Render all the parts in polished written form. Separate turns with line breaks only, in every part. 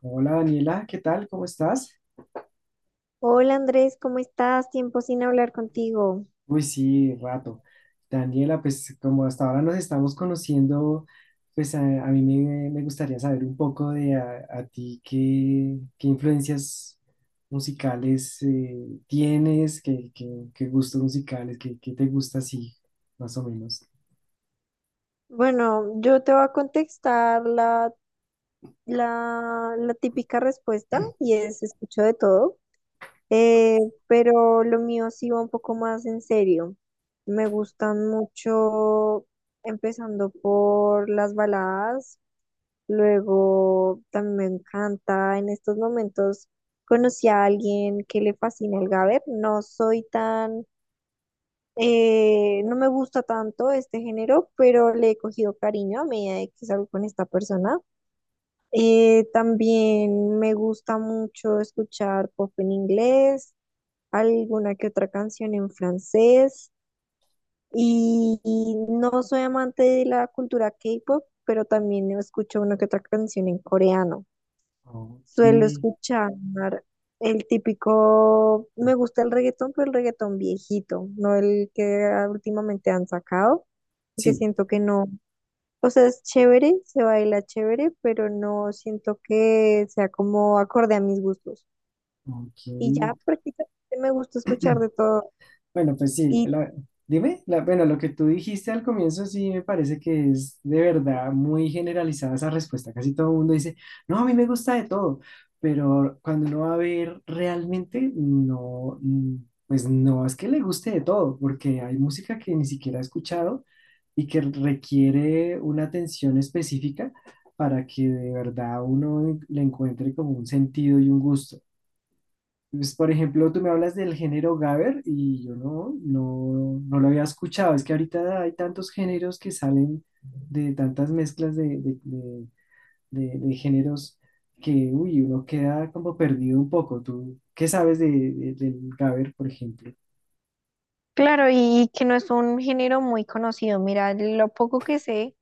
Hola, Daniela, ¿qué tal? ¿Cómo estás?
Hola Andrés, ¿cómo estás? Tiempo sin hablar contigo.
Uy, sí, rato. Daniela, pues como hasta ahora nos estamos conociendo, pues a mí me gustaría saber un poco de a ti qué, influencias musicales tienes, qué, qué gustos musicales, qué, qué te gusta así, más o menos.
Bueno, yo te voy a contestar la típica respuesta y es escucho de todo, eh, pero lo mío sí va un poco más en serio. Me gustan mucho, empezando por las baladas, luego también me encanta en estos momentos conocí a alguien que le fascina el gaber. No soy tan no me gusta tanto este género, pero le he cogido cariño a medida de que salgo con esta persona. También me gusta mucho escuchar pop en inglés, alguna que otra canción en francés y no soy amante de la cultura K-pop, pero también escucho una que otra canción en coreano.
Ok,
Suelo escuchar el típico, me gusta el reggaetón, pero el reggaetón viejito, no el que últimamente han sacado, porque
sí,
siento que no, o sea, es chévere, se baila chévere, pero no siento que sea como acorde a mis gustos.
ok.
Y ya prácticamente me gusta escuchar de todo.
Bueno, pues sí,
Y
dime, bueno, lo que tú dijiste al comienzo sí me parece que es de verdad muy generalizada esa respuesta. Casi todo el mundo dice, no, a mí me gusta de todo, pero cuando uno va a ver realmente, no, pues no es que le guste de todo, porque hay música que ni siquiera he escuchado y que requiere una atención específica para que de verdad uno le encuentre como un sentido y un gusto. Pues, por ejemplo, tú me hablas del género gabber y yo no, no lo había escuchado. Es que ahorita hay tantos géneros que salen de tantas mezclas de, de géneros que, uy, uno queda como perdido un poco. ¿Tú qué sabes de, del gabber, por ejemplo?
claro, y que no es un género muy conocido. Mira, lo poco que sé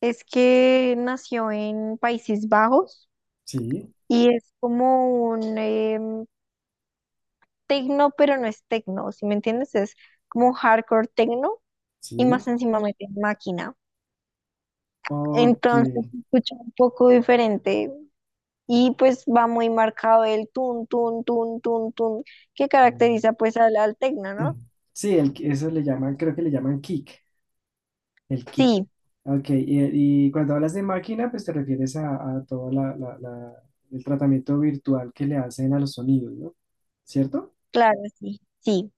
es que nació en Países Bajos.
Sí,
Y es como un tecno, pero no es tecno, ¿si me entiendes? Es como hardcore tecno y más
sí.
encima mete máquina.
Ok.
Entonces se escucha un poco diferente y pues va muy marcado el tun, tun, tun, tun, tun, que caracteriza pues al tecno, ¿no?
Sí, el, eso le llaman, creo que le llaman kick. El kick.
Sí,
Ok, y cuando hablas de máquina, pues te refieres a todo la, el tratamiento virtual que le hacen a los sonidos, ¿no? ¿Cierto?
claro, sí, sí.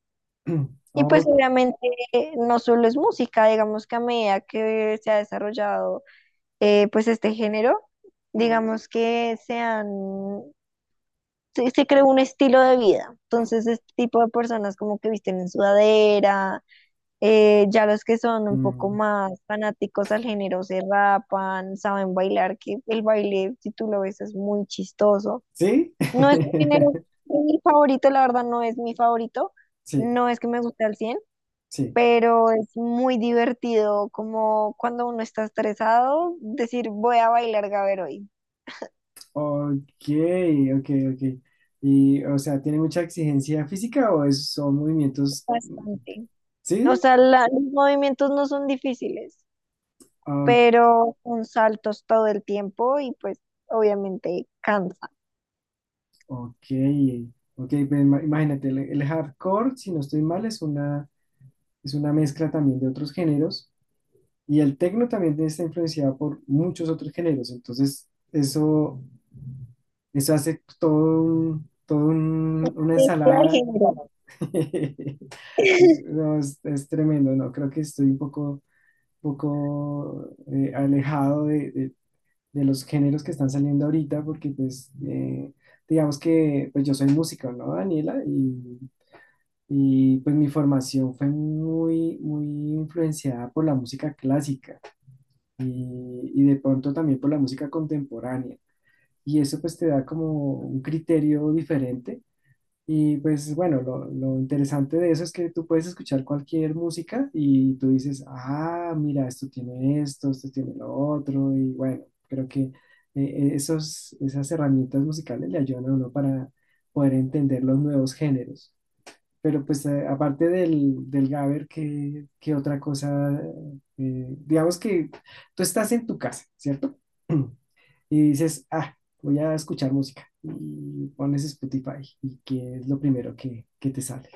Y pues
Oh,
obviamente no solo es música, digamos que a medida que se ha desarrollado pues este género, digamos que se, se creó un estilo de vida. Entonces, este tipo de personas como que visten en sudadera, ya los que son un poco
mm,
más fanáticos al género se rapan, saben bailar, que el baile, si tú lo ves, es muy chistoso.
¿sí?
No es un género mi favorito, la verdad no es mi favorito,
Sí,
no es que me guste al cien,
sí.
pero es muy divertido, como cuando uno está estresado, decir voy a bailar gaber hoy,
Ok, ok, ok. Y, o sea, ¿tiene mucha exigencia física o son movimientos? Mm.
bastante. O
¿Sí?
sea, los movimientos no son difíciles,
Oh,
pero con saltos todo el tiempo y pues obviamente cansa.
ok, ok. Pues, imagínate, el hardcore, si no estoy mal, es una mezcla también de otros géneros. Y el tecno también está influenciado por muchos otros géneros, entonces eso hace todo
Una
una
mezcla de
ensalada.
género.
Y, no, es tremendo, ¿no? Creo que estoy un poco, alejado de, de los géneros que están saliendo ahorita, porque pues digamos que pues yo soy músico, ¿no, Daniela? Y pues mi formación fue muy, muy influenciada por la música clásica y de pronto también por la música contemporánea. Y eso pues te da como un criterio diferente. Y pues bueno, lo interesante de eso es que tú puedes escuchar cualquier música y tú dices, ah, mira, esto tiene esto, esto tiene lo otro. Y bueno, creo que esos, esas herramientas musicales le ayudan a uno para poder entender los nuevos géneros. Pero pues aparte del, del Gaber, ¿qué, qué otra cosa? Digamos que tú estás en tu casa, ¿cierto? Y dices, ah, voy a escuchar música. Y pones Spotify. ¿Y qué es lo primero que te sale?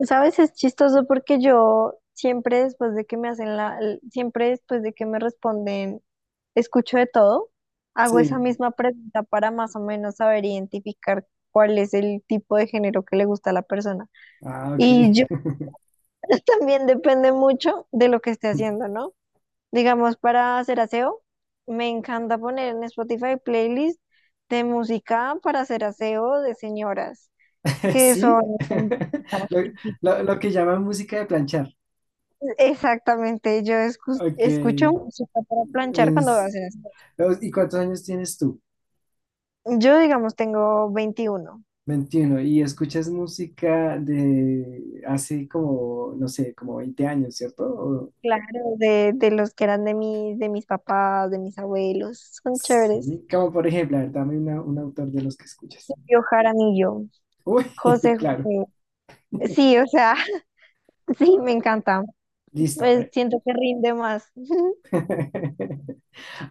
¿Sabes? Es chistoso porque yo siempre después de que me hacen siempre después de que me responden, escucho de todo, hago esa
Sí.
misma pregunta para más o menos saber identificar cuál es el tipo de género que le gusta a la persona.
Ah, ok.
Y yo también depende mucho de lo que esté haciendo, ¿no? Digamos, para hacer aseo, me encanta poner en Spotify playlist de música para hacer aseo de señoras, que
Sí.
son típicas,
Lo,
típicas.
lo que llaman música de planchar.
Exactamente, yo
Ok.
escucho música para planchar cuando voy a
Es-
hacer aseo.
¿Y cuántos años tienes tú?
Yo, digamos, tengo 21.
21. Y escuchas música de hace como, no sé, como 20 años, ¿cierto? O
Claro, de los que eran de mis papás, de mis abuelos, son chéveres.
sí, como por ejemplo, a ver, dame un autor de los que escuchas.
Yo Jaramillo,
Uy,
José
claro.
José. Sí, o sea, sí, me
Ah,
encanta.
listo,
Pues
¿eh?
siento que rinde más.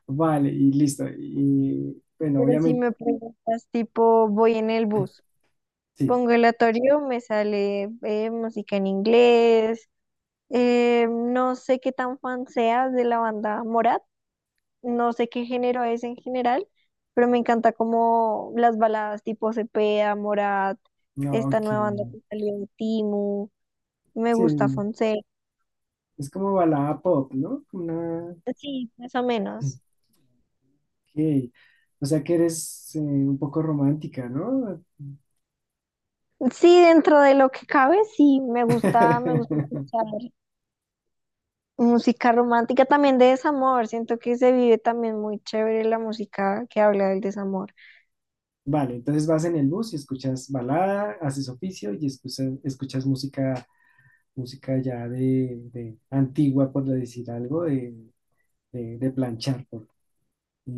Vale, y listo. Y bueno,
Pero si
obviamente,
me preguntas, tipo, voy en el bus,
sí.
pongo el aleatorio, me sale música en inglés, no sé qué tan fan seas de la banda Morat, no sé qué género es en general, pero me encanta como las baladas tipo Cepeda, Morat,
No,
esta nueva banda
ok.
que salió de Timu, me
Sí,
gusta Fonseca,
es como balada pop, ¿no? Una...
sí, más o menos.
Ok. O sea que eres un poco romántica, ¿no?
Sí, dentro de lo que cabe, sí, me gusta escuchar. Música romántica también de desamor. Siento que se vive también muy chévere la música que habla del desamor,
Vale, entonces vas en el bus y escuchas balada, haces oficio y escuchas, escuchas música, música ya de antigua, por decir algo, de planchar.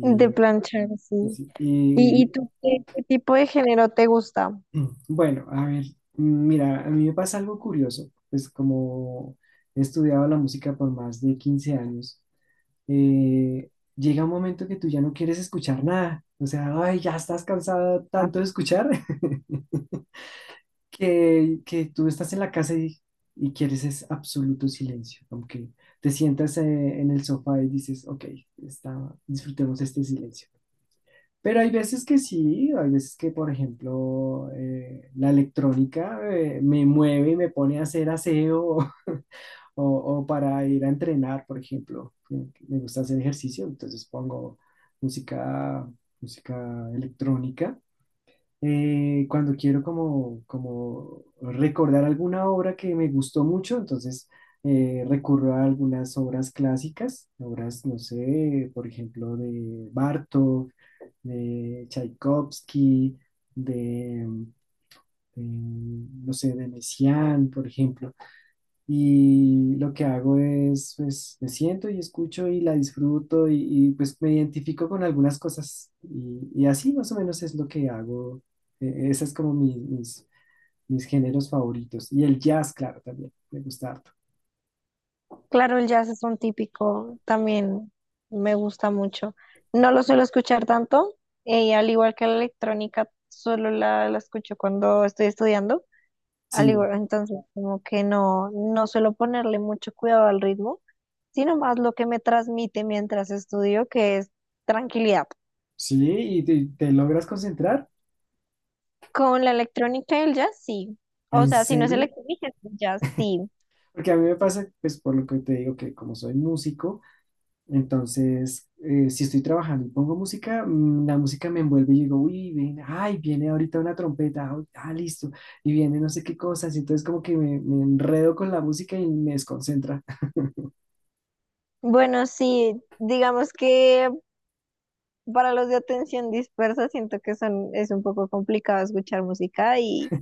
de planchar,
y
sí.
sí,
Y
y,
tú qué, qué tipo de género te gusta?
bueno, a ver, mira, a mí me pasa algo curioso, pues como he estudiado la música por más de 15 años, eh, llega un momento que tú ya no quieres escuchar nada, o sea, ay, ya estás cansado tanto de escuchar que tú estás en la casa y quieres es absoluto silencio, aunque te sientas en el sofá y dices, ok, está, disfrutemos este silencio. Pero hay veces que sí, hay veces que, por ejemplo, la electrónica me mueve y me pone a hacer aseo o para ir a entrenar, por ejemplo. Me gusta hacer ejercicio, entonces pongo música, música electrónica cuando quiero como, como recordar alguna obra que me gustó mucho, entonces recurro a algunas obras clásicas, obras, no sé, por ejemplo, de Bartók, de Tchaikovsky, de, no sé, de Messiaen, por ejemplo. Y lo que hago es, pues, me siento y escucho y la disfruto y, pues me identifico con algunas cosas. Y así más o menos es lo que hago. Ese es como mis, mis géneros favoritos. Y el jazz, claro, también. Me gusta harto.
Claro, el jazz es un típico, también me gusta mucho. No lo suelo escuchar tanto, al igual que la electrónica, solo la escucho cuando estoy estudiando. Al
Sí,
igual, entonces, como que no, no suelo ponerle mucho cuidado al ritmo, sino más lo que me transmite mientras estudio, que es tranquilidad.
sí, y te logras concentrar.
Con la electrónica y el jazz, sí. O
¿En
sea, si no es
serio?
electrónica, es jazz, sí.
Porque a mí me pasa, pues por lo que te digo, que como soy músico, entonces si estoy trabajando y pongo música, la música me envuelve y digo, uy, viene, ay, viene ahorita una trompeta, ah, ah, listo, y viene no sé qué cosas, y entonces como que me enredo con la música y me desconcentra.
Bueno, sí, digamos que para los de atención dispersa siento que son, es un poco complicado escuchar música y,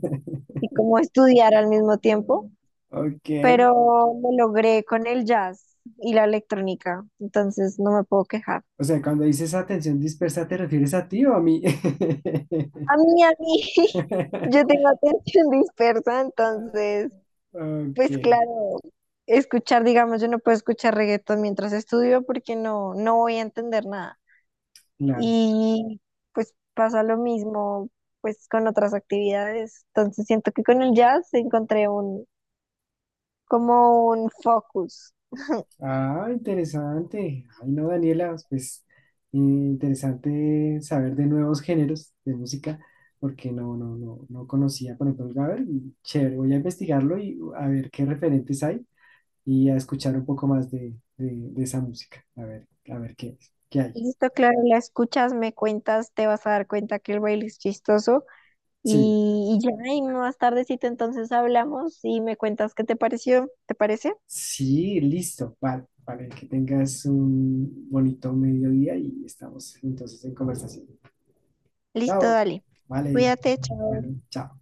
y como estudiar al mismo tiempo,
Ok.
pero me logré con el jazz y la electrónica, entonces no me puedo quejar.
O sea, cuando dices atención dispersa, ¿te refieres a ti o a mí?
A mí, yo tengo atención dispersa, entonces
Ok,
pues claro, escuchar, digamos, yo no puedo escuchar reggaetón mientras estudio porque no, no voy a entender nada.
claro.
Y pues pasa lo mismo pues con otras actividades. Entonces siento que con el jazz encontré un, como un focus.
Ah, interesante. Ay, no, Daniela, pues interesante saber de nuevos géneros de música, porque no, no, no, no conocía, por ejemplo, el Gabber, y chévere, voy a investigarlo y a ver qué referentes hay y a escuchar un poco más de esa música, a ver qué es, qué hay.
Listo, claro, la escuchas, me cuentas, te vas a dar cuenta que el baile es chistoso
Sí,
y ya, y más tardecito entonces hablamos y me cuentas qué te pareció, ¿te parece?
sí, listo, vale, vale, que tengas un bonito mediodía y estamos entonces en conversación.
Listo,
Chao,
dale.
vale,
Cuídate, chao.
bueno, chao.